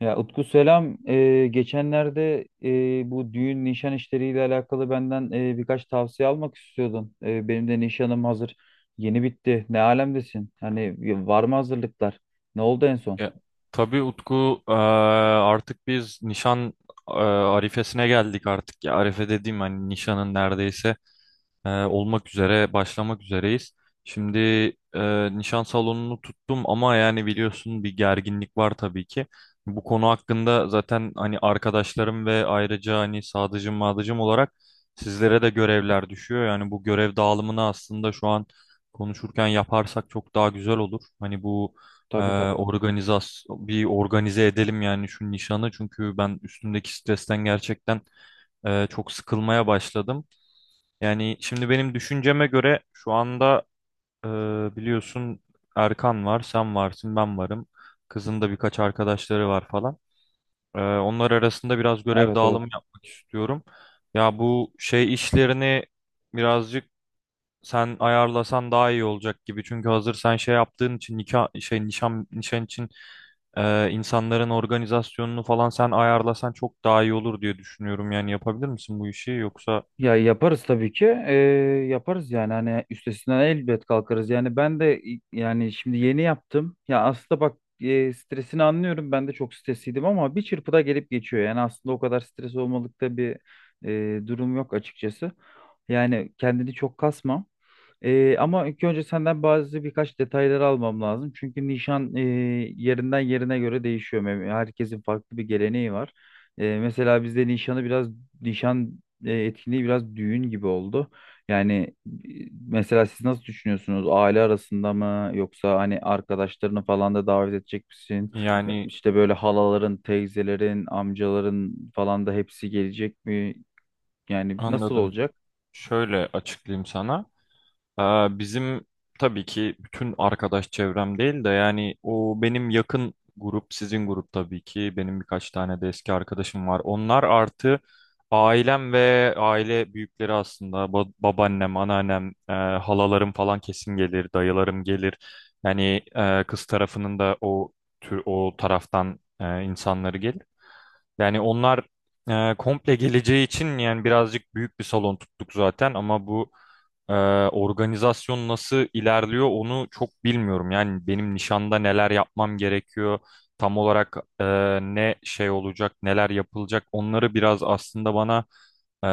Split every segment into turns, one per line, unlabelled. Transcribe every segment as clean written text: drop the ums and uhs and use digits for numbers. Ya Utku selam. Geçenlerde bu düğün nişan işleriyle alakalı benden birkaç tavsiye almak istiyordun. Benim de nişanım hazır. Yeni bitti. Ne alemdesin? Hani var mı hazırlıklar? Ne oldu en son?
Ya, tabii Utku artık biz nişan arifesine geldik artık ya. Arife dediğim hani nişanın neredeyse olmak üzere başlamak üzereyiz. Şimdi nişan salonunu tuttum ama yani biliyorsun bir gerginlik var tabii ki. Bu konu hakkında zaten hani arkadaşlarım ve ayrıca hani sadıcım madıcım olarak sizlere de görevler düşüyor. Yani bu görev dağılımını aslında şu an konuşurken yaparsak çok daha güzel olur. Hani bu e,
Tabii tabii.
organizas bir organize edelim yani şu nişanı çünkü ben üstümdeki stresten gerçekten çok sıkılmaya başladım. Yani şimdi benim düşünceme göre şu anda e, biliyorsun Erkan var, sen varsın, ben varım. Kızın da birkaç arkadaşları var falan. Onlar arasında biraz görev
Evet evet.
dağılımı yapmak istiyorum. Ya bu şey işlerini birazcık sen ayarlasan daha iyi olacak gibi. Çünkü hazır sen şey yaptığın için nikah şey nişan için insanların organizasyonunu falan sen ayarlasan çok daha iyi olur diye düşünüyorum. Yani yapabilir misin bu işi yoksa
Ya yaparız tabii ki. Yaparız yani hani üstesinden elbet kalkarız. Yani ben de yani şimdi yeni yaptım. Ya aslında bak, stresini anlıyorum. Ben de çok stresliydim ama bir çırpıda gelip geçiyor. Yani aslında o kadar stres olmalıkta bir durum yok açıkçası. Yani kendini çok kasma. Ama ilk önce senden bazı birkaç detayları almam lazım. Çünkü nişan yerinden yerine göre değişiyor. Herkesin farklı bir geleneği var. Mesela bizde nişanı biraz nişan etkinliği biraz düğün gibi oldu. Yani, e, mesela siz nasıl düşünüyorsunuz? Aile arasında mı yoksa hani arkadaşlarını falan da davet edecek misin? Ya
yani
İşte böyle halaların, teyzelerin, amcaların falan da hepsi gelecek mi? Yani nasıl
anladım.
olacak?
Şöyle açıklayayım sana. Aa, bizim tabii ki bütün arkadaş çevrem değil de yani o benim yakın grup, sizin grup tabii ki. Benim birkaç tane de eski arkadaşım var. Onlar artı ailem ve aile büyükleri aslında. Babaannem, anneannem, halalarım falan kesin gelir, dayılarım gelir. Yani kız tarafının da o tür o taraftan insanları gelir. Yani onlar komple geleceği için yani birazcık büyük bir salon tuttuk zaten ama bu ee, organizasyon nasıl ilerliyor onu çok bilmiyorum. Yani benim nişanda neler yapmam gerekiyor, tam olarak ne şey olacak, neler yapılacak onları biraz aslında bana e,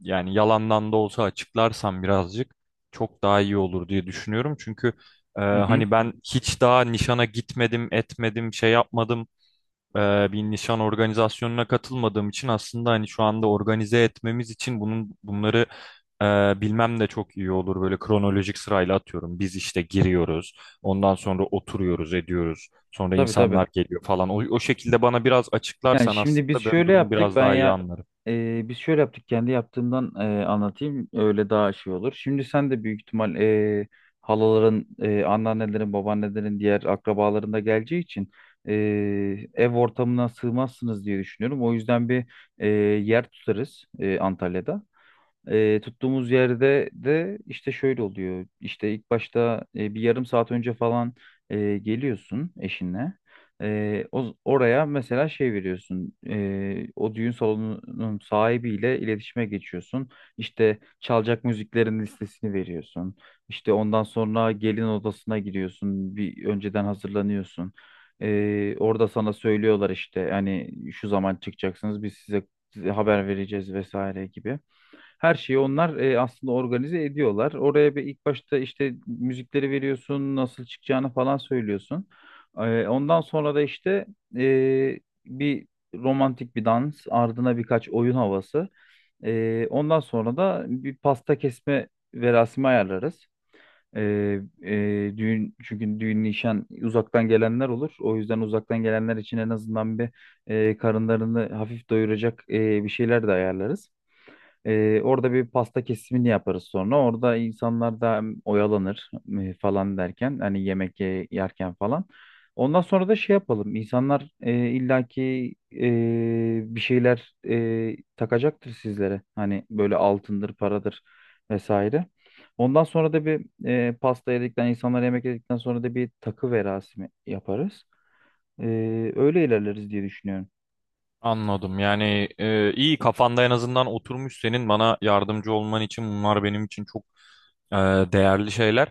yani yalandan da olsa açıklarsan birazcık çok daha iyi olur diye düşünüyorum. Çünkü
Hı hı.
hani ben hiç daha nişana gitmedim, etmedim, şey yapmadım bir nişan organizasyonuna katılmadığım için aslında hani şu anda organize etmemiz için bunları bilmem de çok iyi olur. Böyle kronolojik sırayla atıyorum. Biz işte giriyoruz. Ondan sonra oturuyoruz, ediyoruz. Sonra
Tabii tabii.
insanlar geliyor falan. O şekilde bana biraz
Yani
açıklarsan
şimdi biz
aslında ben
şöyle
durum
yaptık.
biraz
Ben
daha iyi
ya
anlarım.
biz şöyle yaptık. Kendi yaptığımdan, anlatayım. Öyle daha şey olur. Şimdi sen de büyük ihtimal halaların, anneannelerin, babaannelerin, diğer akrabaların da geleceği için e, ev ortamına sığmazsınız diye düşünüyorum. O yüzden bir yer tutarız, Antalya'da. Tuttuğumuz yerde de işte şöyle oluyor. İşte ilk başta, bir yarım saat önce falan geliyorsun eşinle. Oraya mesela şey veriyorsun. O düğün salonunun sahibiyle iletişime geçiyorsun. İşte çalacak müziklerin listesini veriyorsun. İşte ondan sonra gelin odasına gidiyorsun. Bir önceden hazırlanıyorsun. Orada sana söylüyorlar, işte hani şu zaman çıkacaksınız, biz size haber vereceğiz vesaire gibi. Her şeyi onlar, aslında organize ediyorlar. Oraya bir ilk başta işte müzikleri veriyorsun, nasıl çıkacağını falan söylüyorsun. Ondan sonra da işte e, bir romantik bir dans, ardına birkaç oyun havası. Ondan sonra da bir pasta kesme verasimi ayarlarız. E, e, düğün çünkü düğün nişan uzaktan gelenler olur. O yüzden uzaktan gelenler için en azından bir karınlarını hafif doyuracak bir şeyler de ayarlarız. Orada bir pasta kesimini yaparız sonra. Orada insanlar da hem oyalanır falan derken hani yemek yerken falan. Ondan sonra da şey yapalım. İnsanlar, illaki bir şeyler takacaktır sizlere. Hani böyle altındır, paradır vesaire. Ondan sonra da bir, pasta yedikten, insanlar yemek yedikten sonra da bir takı verasimi yaparız. E, Öyle ilerleriz diye düşünüyorum.
Anladım. Yani iyi kafanda en azından oturmuş, senin bana yardımcı olman için bunlar benim için çok e, değerli şeyler.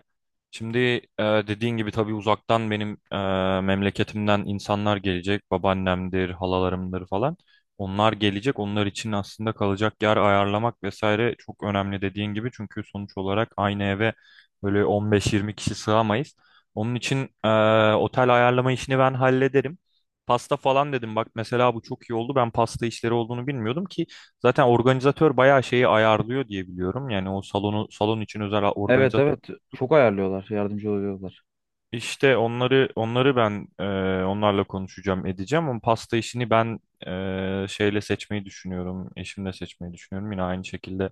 Şimdi dediğin gibi tabii uzaktan benim memleketimden insanlar gelecek. Babaannemdir, halalarımdır falan. Onlar gelecek. Onlar için aslında kalacak yer ayarlamak vesaire çok önemli dediğin gibi. Çünkü sonuç olarak aynı eve böyle 15-20 kişi sığamayız. Onun için e, otel ayarlama işini ben hallederim. Pasta falan dedim bak, mesela bu çok iyi oldu. Ben pasta işleri olduğunu bilmiyordum ki zaten organizatör bayağı şeyi ayarlıyor diye biliyorum. Yani o salon için özel
Evet
organizatör
evet,
tuttu.
çok ayarlıyorlar, yardımcı oluyorlar.
İşte onları ben onlarla konuşacağım edeceğim, ama pasta işini ben e, şeyle seçmeyi düşünüyorum eşimle seçmeyi düşünüyorum, yine aynı şekilde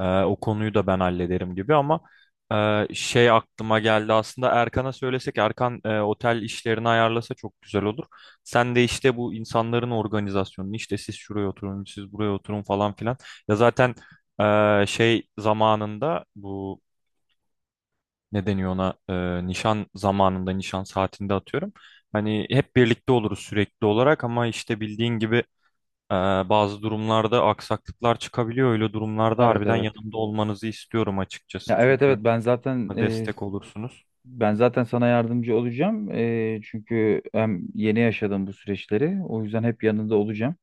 o konuyu da ben hallederim gibi, ama şey aklıma geldi aslında, Erkan'a söylesek Erkan otel işlerini ayarlasa çok güzel olur. Sen de işte bu insanların organizasyonunu, işte siz şuraya oturun siz buraya oturun falan filan, ya zaten şey zamanında, bu ne deniyor ona, nişan zamanında nişan saatinde atıyorum. Hani hep birlikte oluruz sürekli olarak, ama işte bildiğin gibi e, bazı durumlarda aksaklıklar çıkabiliyor. Öyle durumlarda
Evet
harbiden
evet.
yanımda olmanızı istiyorum açıkçası,
Ya evet
çünkü
evet,
destek olursunuz.
ben zaten sana yardımcı olacağım. Çünkü hem yeni yaşadım bu süreçleri. O yüzden hep yanında olacağım.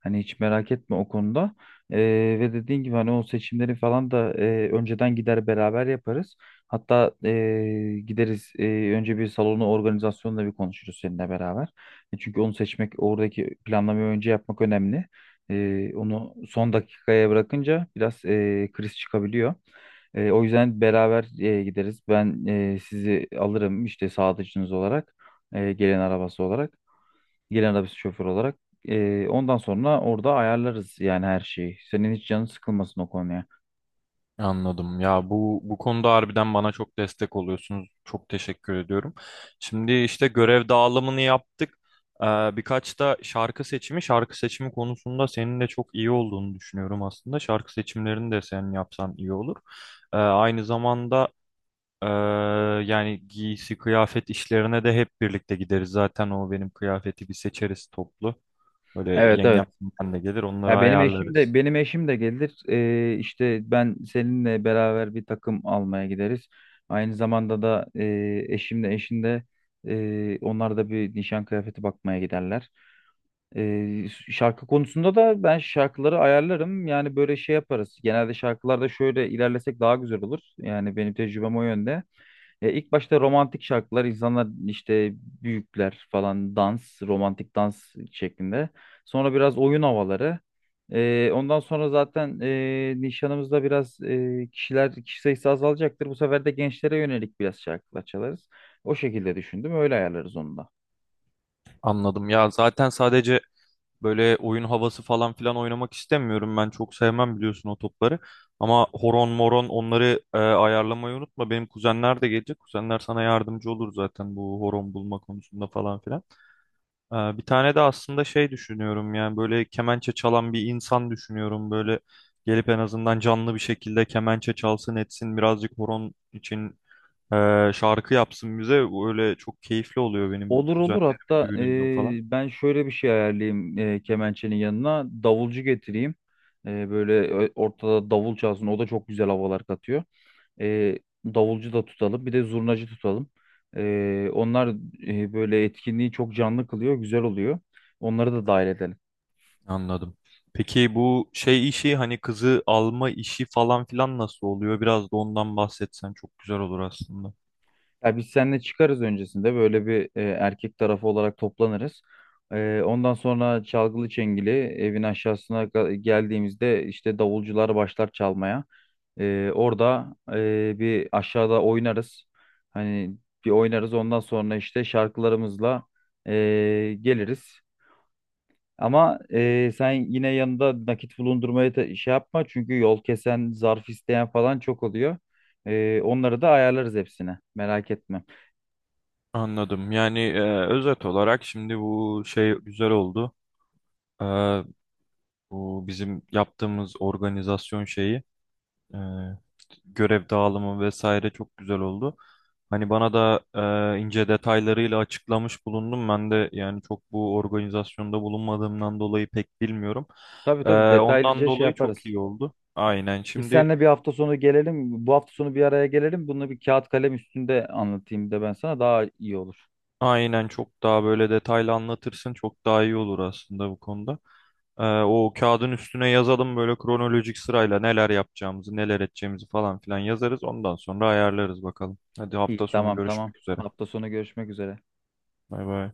Hani hiç merak etme o konuda. E, Ve dediğin gibi hani o seçimleri falan da, önceden gider beraber yaparız. Hatta gideriz, önce bir salonu organizasyonla bir konuşuruz seninle beraber. Çünkü onu seçmek, oradaki planlamayı önce yapmak önemli. Onu son dakikaya bırakınca biraz kriz çıkabiliyor. O yüzden beraber gideriz. Ben sizi alırım işte sağdıcınız olarak, gelen arabası olarak, gelen arabası şoför olarak. Ondan sonra orada ayarlarız yani her şeyi. Senin hiç canın sıkılmasın o konuya.
Anladım. Ya bu bu konuda harbiden bana çok destek oluyorsunuz. Çok teşekkür ediyorum. Şimdi işte görev dağılımını yaptık. Ee, Birkaç da şarkı seçimi, şarkı seçimi konusunda senin de çok iyi olduğunu düşünüyorum aslında. Şarkı seçimlerini de sen yapsan iyi olur. Aynı zamanda ee, yani giysi, kıyafet işlerine de hep birlikte gideriz. Zaten o benim kıyafeti bir seçeriz toplu. Böyle
Evet evet.
yengem ben de gelir, onları
Ya
ayarlarız.
benim eşim de gelir. İşte ben seninle beraber bir takım almaya gideriz. Aynı zamanda da, eşim de eşin de, onlar da bir nişan kıyafeti bakmaya giderler. Ee, Şarkı konusunda da ben şarkıları ayarlarım. Yani böyle şey yaparız. Genelde şarkılarda şöyle ilerlesek daha güzel olur. Yani benim tecrübem o yönde. İlk başta romantik şarkılar, insanlar işte büyükler falan dans, romantik dans şeklinde. Sonra biraz oyun havaları. Ondan sonra zaten nişanımızda biraz, kişi sayısı azalacaktır. Bu sefer de gençlere yönelik biraz şarkılar çalarız. O şekilde düşündüm. Öyle ayarlarız onu da.
Anladım. Ya zaten sadece böyle oyun havası falan filan oynamak istemiyorum. Ben çok sevmem biliyorsun o topları. Ama horon moron onları ayarlamayı unutma. Benim kuzenler de gelecek. Kuzenler sana yardımcı olur zaten bu horon bulma konusunda falan filan. Bir tane de aslında şey düşünüyorum, yani böyle kemençe çalan bir insan düşünüyorum. Böyle gelip en azından canlı bir şekilde kemençe çalsın etsin, birazcık horon için şarkı yapsın bize. Öyle çok keyifli oluyor benim
Olur olur,
kuzenlerimin
hatta
düğününden falan.
ben şöyle bir şey ayarlayayım, kemençenin yanına davulcu getireyim. Böyle ortada davul çalsın, o da çok güzel havalar katıyor. Eee, Davulcu da tutalım, bir de zurnacı tutalım. Onlar böyle etkinliği çok canlı kılıyor, güzel oluyor, onları da dahil edelim.
Anladım. Peki bu şey işi, hani kızı alma işi falan filan nasıl oluyor? Biraz da ondan bahsetsen çok güzel olur aslında.
Ya biz seninle çıkarız öncesinde, böyle bir erkek tarafı olarak toplanırız. Ondan sonra çalgılı çengeli evin aşağısına geldiğimizde işte davulcular başlar çalmaya. Orada bir aşağıda oynarız. Hani bir oynarız, ondan sonra işte şarkılarımızla geliriz. Ama sen yine yanında nakit bulundurmaya da şey yapma, çünkü yol kesen, zarf isteyen falan çok oluyor. Onları da ayarlarız, hepsine merak etme.
Anladım. Yani özet olarak şimdi bu şey güzel oldu. E, Bu bizim yaptığımız organizasyon şeyi, görev dağılımı vesaire çok güzel oldu. Hani bana da ince detaylarıyla açıklamış bulundum. Ben de yani çok bu organizasyonda bulunmadığımdan dolayı pek bilmiyorum.
Tabii
E,
tabii,
Ondan
detaylıca şey
dolayı çok
yaparız.
iyi oldu.
Biz seninle bir hafta sonu gelelim. Bu hafta sonu bir araya gelelim. Bunu bir kağıt kalem üstünde anlatayım da ben sana, daha iyi olur.
Aynen, çok daha böyle detaylı anlatırsın çok daha iyi olur aslında bu konuda. O kağıdın üstüne yazalım böyle kronolojik sırayla neler yapacağımızı neler edeceğimizi falan filan yazarız. Ondan sonra ayarlarız bakalım. Hadi,
İyi,
hafta sonu
tamam tamam.
görüşmek üzere.
Hafta sonu görüşmek üzere.
Bay bay.